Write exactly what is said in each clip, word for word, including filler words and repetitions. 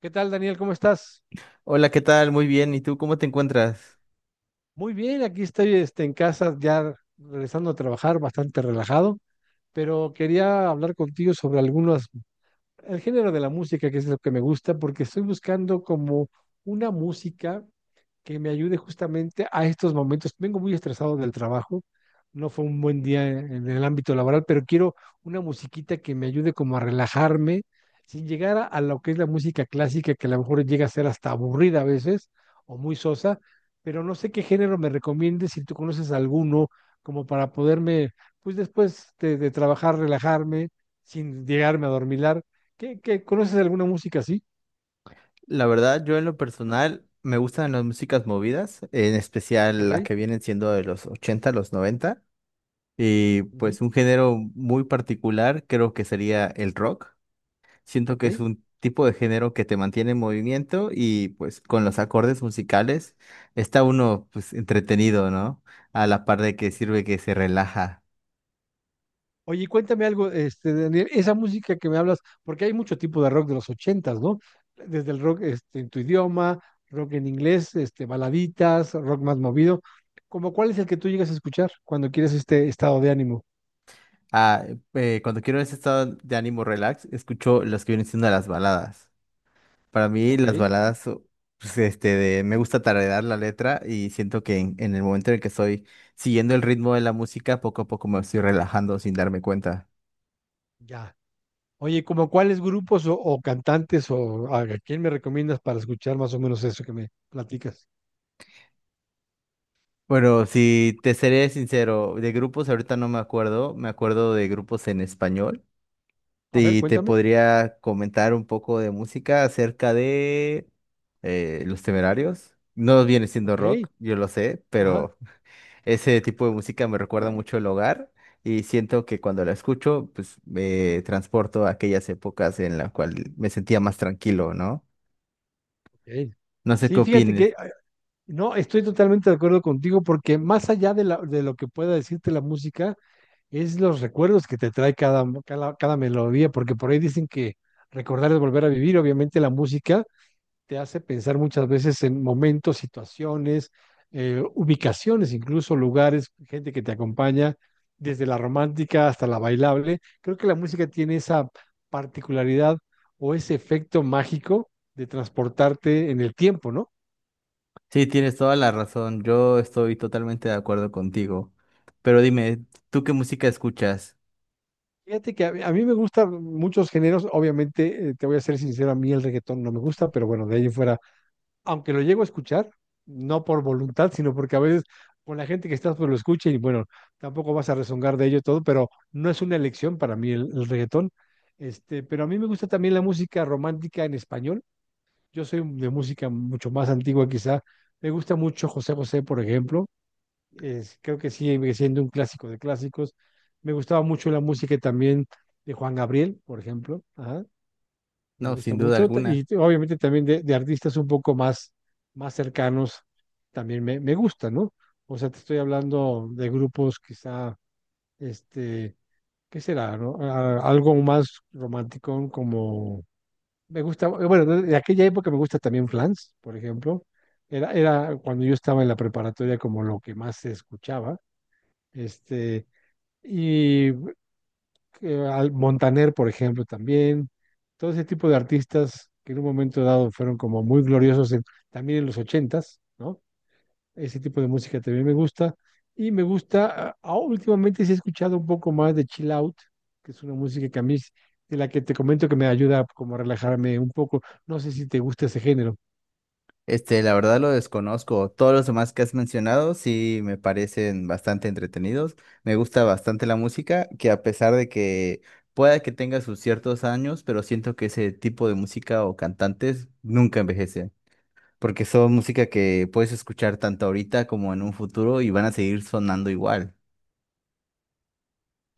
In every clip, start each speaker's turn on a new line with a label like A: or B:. A: ¿Qué tal, Daniel? ¿Cómo estás?
B: Hola, ¿qué tal? Muy bien. ¿Y tú cómo te encuentras?
A: Muy bien, aquí estoy este, en casa ya regresando a trabajar bastante relajado, pero quería hablar contigo sobre algunos, el género de la música, que es lo que me gusta, porque estoy buscando como una música que me ayude justamente a estos momentos. Vengo muy estresado del trabajo, no fue un buen día en en el ámbito laboral, pero quiero una musiquita que me ayude como a relajarme, sin llegar a, a lo que es la música clásica, que a lo mejor llega a ser hasta aburrida a veces o muy sosa, pero no sé qué género me recomiendes, si tú conoces alguno, como para poderme, pues después de, de trabajar, relajarme, sin llegarme a dormilar. ¿Qué, qué, conoces alguna música así?
B: La verdad, yo en lo personal me gustan las músicas movidas, en especial
A: ¿Ok?
B: las que vienen siendo de los ochenta, los noventa. Y
A: Ujú.
B: pues un género muy particular creo que sería el rock. Siento
A: ¿Ok?
B: que es un tipo de género que te mantiene en movimiento y pues con los acordes musicales está uno pues entretenido, ¿no? A la par de que sirve que se relaja.
A: Oye, cuéntame algo, este, Daniel, esa música que me hablas, porque hay mucho tipo de rock de los ochentas, ¿no? Desde el rock este, en tu idioma, rock en inglés, este, baladitas, rock más movido. ¿Cómo cuál es el que tú llegas a escuchar cuando quieres este estado de ánimo?
B: Ah, eh, cuando quiero ese estado de ánimo relax, escucho las que vienen siendo las baladas. Para mí
A: Ok,
B: las baladas, o- pues, este, de, me gusta tararear la letra y siento que en, en el momento en el que estoy siguiendo el ritmo de la música, poco a poco me estoy relajando sin darme cuenta.
A: ya. Oye, ¿como cuáles grupos o, o cantantes o a, a quién me recomiendas para escuchar más o menos eso que me platicas?
B: Bueno, si te seré sincero, de grupos ahorita no me acuerdo, me acuerdo de grupos en español
A: A ver,
B: y te
A: cuéntame.
B: podría comentar un poco de música acerca de eh, Los Temerarios. No viene siendo
A: Ok,
B: rock, yo lo sé,
A: ajá,
B: pero ese tipo de música me recuerda mucho el hogar y siento que cuando la escucho, pues me transporto a aquellas épocas en las cuales me sentía más tranquilo, ¿no?
A: ok.
B: No sé qué
A: Sí, fíjate que
B: opines.
A: no, estoy totalmente de acuerdo contigo, porque más allá de, la- de lo que pueda decirte la música, es los recuerdos que te trae cada, cada, cada melodía, porque por ahí dicen que recordar es volver a vivir. Obviamente la música te hace pensar muchas veces en momentos, situaciones, eh, ubicaciones, incluso lugares, gente que te acompaña, desde la romántica hasta la bailable. Creo que la música tiene esa particularidad o ese efecto mágico de transportarte en el tiempo, ¿no?
B: Sí, tienes toda la razón. Yo estoy totalmente de acuerdo contigo. Pero dime, ¿tú qué música escuchas?
A: Fíjate que a, mí a mí me gustan muchos géneros. Obviamente, eh, te voy a ser sincero, a mí el reggaetón no me gusta, pero bueno, de ahí en fuera, aunque lo llego a escuchar, no por voluntad, sino porque a veces con la gente que estás pues lo escucha y bueno, tampoco vas a rezongar de ello y todo, pero no es una elección para mí el, el reggaetón. Este, pero a mí me gusta también la música romántica en español. Yo soy de música mucho más antigua quizá. Me gusta mucho José José, por ejemplo. Es- creo que sigue siendo un clásico de clásicos. Me gustaba mucho la música también de Juan Gabriel, por ejemplo. Ajá, me
B: No,
A: gusta
B: sin duda
A: mucho. Ta-
B: alguna.
A: Y te- obviamente también de, de artistas un poco más, más cercanos también me, me gusta, ¿no? O sea, te estoy hablando de grupos quizá, este, ¿qué será, no? A- algo más romántico como. Me gusta, bueno, de de aquella época me gusta también Flans, por ejemplo. Era, era cuando yo estaba en la preparatoria como lo que más se escuchaba, este, y eh, al Montaner, por ejemplo, también, todo ese tipo de artistas que en un momento dado fueron como muy gloriosos en- también en los ochentas, ¿no? Ese tipo de música también me gusta, y me gusta, ah, oh, últimamente sí he escuchado un poco más de Chill Out, que es una música que a mí, es- de la que te comento que me ayuda como a relajarme un poco. No sé si te gusta ese género.
B: Este, la verdad lo desconozco. Todos los demás que has mencionado sí me parecen bastante entretenidos. Me gusta bastante la música, que a pesar de que pueda que tenga sus ciertos años, pero siento que ese tipo de música o cantantes nunca envejecen, porque son música que puedes escuchar tanto ahorita como en un futuro y van a seguir sonando igual.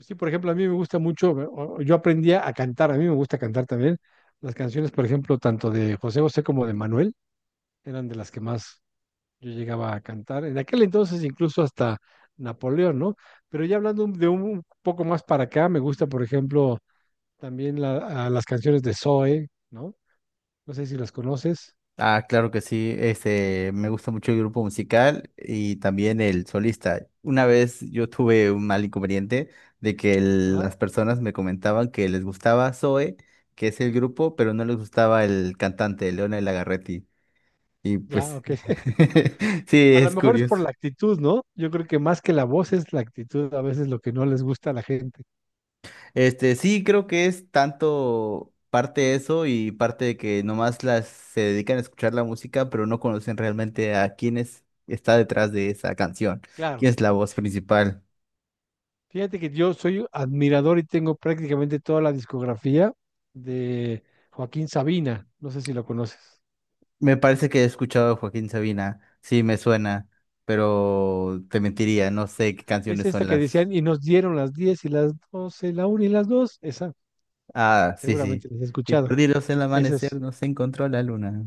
A: Sí, por ejemplo, a mí me gusta mucho, o- o yo aprendí a cantar, a mí me gusta cantar también, las canciones, por ejemplo, tanto de José José como de Manuel, eran de las que más yo llegaba a cantar. En aquel entonces incluso hasta Napoleón, ¿no? Pero ya hablando de un poco más para acá, me gusta, por ejemplo, también la, a las canciones de Zoe, ¿no? No sé si las conoces.
B: Ah, claro que sí. Este, me gusta mucho el grupo musical y también el solista. Una vez yo tuve un mal inconveniente de que el-
A: Ajá,
B: las personas me comentaban que les gustaba Zoe, que es el grupo, pero no les gustaba el cantante, Leonel Lagarretti. Y
A: ya,
B: pues,
A: ok.
B: sí,
A: A lo
B: es
A: mejor es
B: curioso.
A: por la actitud, ¿no? Yo creo que más que la voz es la actitud, a veces lo que no les gusta a la gente.
B: Este, sí, creo que es tanto parte eso y parte de que nomás las se dedican a escuchar la música, pero no conocen realmente a quién es- está detrás de esa canción, quién
A: Claro.
B: es la voz principal.
A: Fíjate que yo soy admirador y tengo prácticamente toda la discografía de Joaquín Sabina. No sé si lo conoces.
B: Me parece que he escuchado a Joaquín Sabina, sí, me suena, pero te mentiría, no sé qué
A: Es
B: canciones
A: esta
B: son
A: que
B: las.
A: decían: "Y nos dieron las diez y las doce, la una y las dos". Esa
B: Ah, sí, sí.
A: seguramente les he
B: Y
A: escuchado.
B: perdidos en el
A: Esa
B: amanecer,
A: es
B: no se encontró la luna.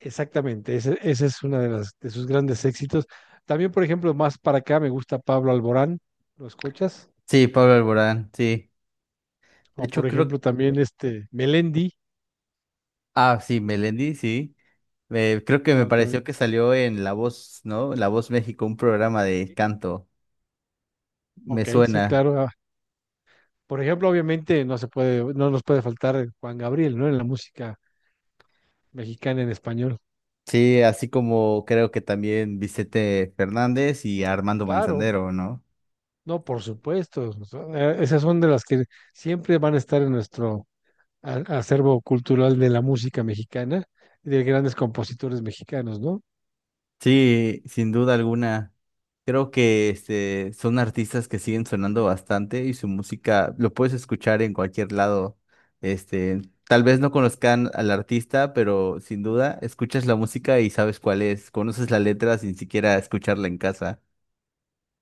A: exactamente. Esa, esa es una de, las, de sus grandes éxitos. También, por ejemplo, más para acá me gusta Pablo Alborán, ¿lo escuchas?
B: Sí, Pablo Alborán, sí. De
A: O por
B: hecho, creo.
A: ejemplo, también este Melendi,
B: Ah, sí, Melendi, sí. Eh, creo que me
A: claro, también.
B: pareció que salió en La Voz, ¿no? La Voz México, un programa de canto. Me
A: Ok, sí,
B: suena.
A: claro. ah, Por ejemplo, obviamente no se puede, no nos puede faltar Juan Gabriel, ¿no? En la música mexicana en español.
B: Sí, así como creo que también Vicente Fernández y Armando
A: Claro,
B: Manzanero, ¿no?
A: no, por supuesto. O sea, eh, esas son de las que siempre van a estar en nuestro a- acervo cultural de la música mexicana, de grandes compositores mexicanos, ¿no?
B: Sí, sin duda alguna. Creo que este, son artistas que siguen sonando bastante y su música lo puedes escuchar en cualquier lado. Este, tal vez no conozcan al artista, pero sin duda escuchas la música y sabes cuál es. Conoces la letra sin siquiera escucharla en casa.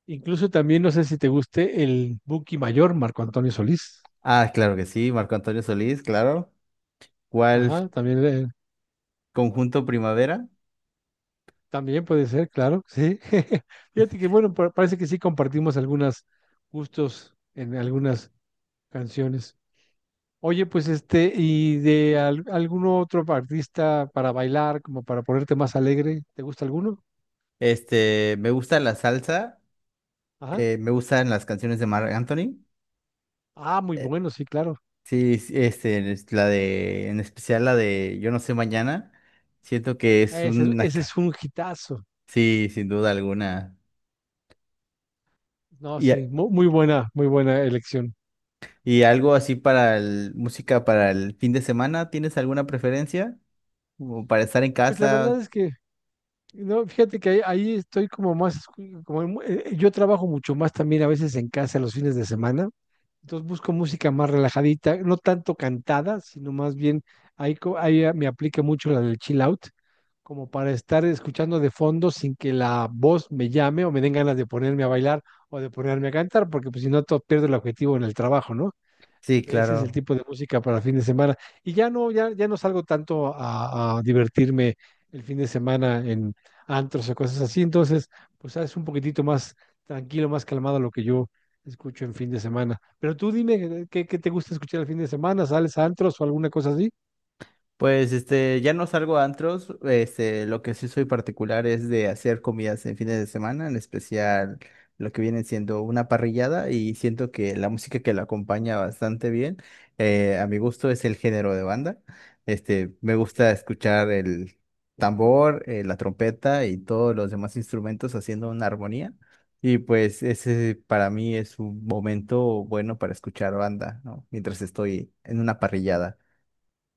A: Incluso también, no sé si te guste, el Buki Mayor, Marco Antonio Solís.
B: Ah, claro que sí, Marco Antonio Solís, claro. ¿Cuál
A: Ajá, también, eh,
B: conjunto Primavera?
A: también puede ser, claro, sí. Fíjate que, bueno, pa- parece que sí compartimos algunos gustos en algunas canciones. Oye, pues este, ¿y de al- algún otro artista para bailar, como para ponerte más alegre? ¿Te gusta alguno?
B: Este, me gusta la salsa,
A: Ajá.
B: eh, me gustan las canciones de Marc Anthony.
A: Ah, muy
B: eh,
A: bueno, sí, claro.
B: Sí, sí, este, es la de, en especial la de Yo no sé mañana, siento que es
A: Ese,
B: una,
A: ese
B: ca-
A: es un hitazo.
B: sí, sin duda alguna.
A: No,
B: Y, a-
A: sí, mu- muy, buena, muy buena elección.
B: y algo así para el, música para el fin de semana, ¿tienes alguna preferencia? Como para estar en
A: Pues la verdad
B: casa.
A: es que, no, fíjate que ahí, ahí estoy como más, como en- eh, yo trabajo mucho más también a veces en casa los fines de semana, entonces busco música más relajadita, no tanto cantada, sino más bien ahí, co- ahí eh, me aplica mucho la del chill out, como para estar escuchando de fondo sin que la voz me llame o me den ganas de ponerme a bailar o de ponerme a cantar, porque pues si no, todo pierdo el objetivo en el trabajo, ¿no?
B: Sí,
A: Ese es el
B: claro.
A: tipo de música para fin de semana. Y ya no, ya, ya no salgo tanto a, a divertirme el fin de semana en antros o cosas así. Entonces, pues es un poquitito más tranquilo, más calmado lo que yo escucho en fin de semana. Pero tú dime, ¿qué, qué te gusta escuchar el fin de semana? ¿Sales a antros o alguna cosa así?
B: Pues este, ya no salgo a antros, este, lo que sí soy particular es de hacer comidas en fines de semana, en especial lo que viene siendo una parrillada y siento que la música que la acompaña bastante bien, eh, a mi gusto es el género de banda. Este, me
A: Ah,
B: gusta
A: claro.
B: escuchar el tambor, eh, la trompeta y todos los demás instrumentos haciendo una armonía y pues ese para mí es un momento bueno para escuchar banda, ¿no? Mientras estoy en una parrillada.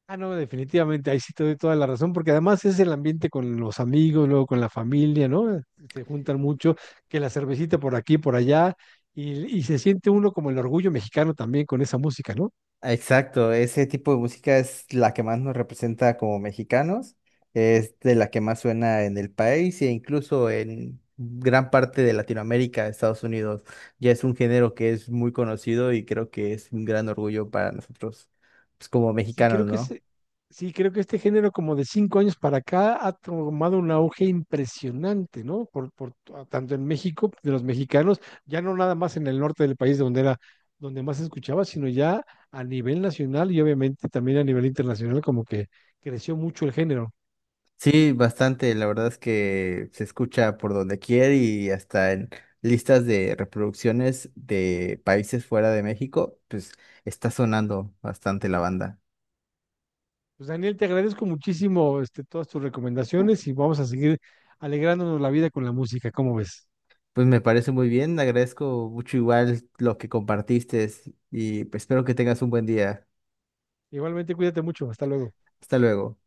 A: Ah, no, definitivamente, ahí sí te doy toda la razón, porque además es el ambiente con los amigos, luego con la familia, ¿no? Eh, Se juntan mucho, que la cervecita por aquí, por allá, y, y se siente uno como el orgullo mexicano también con esa música, ¿no?
B: Exacto, ese tipo de música es la que más nos representa como mexicanos, es de la que más suena en el país e incluso en gran parte de Latinoamérica, Estados Unidos. Ya es un género que es muy conocido y creo que es un gran orgullo para nosotros, pues como
A: Sí,
B: mexicanos,
A: creo que
B: ¿no?
A: ese- sí, creo que este género como de cinco años para acá ha tomado un auge impresionante, ¿no? Por, por t- tanto en México, de los mexicanos, ya no nada más en el norte del país donde era, donde más se escuchaba, sino ya a nivel nacional y obviamente también a nivel internacional, como que creció mucho el género.
B: Sí, bastante, la verdad es que se escucha por donde quiera y hasta en listas de reproducciones de países fuera de México, pues está sonando bastante la banda.
A: Pues Daniel, te agradezco muchísimo este, todas tus recomendaciones y vamos a seguir alegrándonos la vida con la música, ¿cómo ves?
B: Pues me parece muy bien, agradezco mucho igual lo que compartiste y pues, espero que tengas un buen día.
A: Igualmente, cuídate mucho, hasta luego.
B: Hasta luego.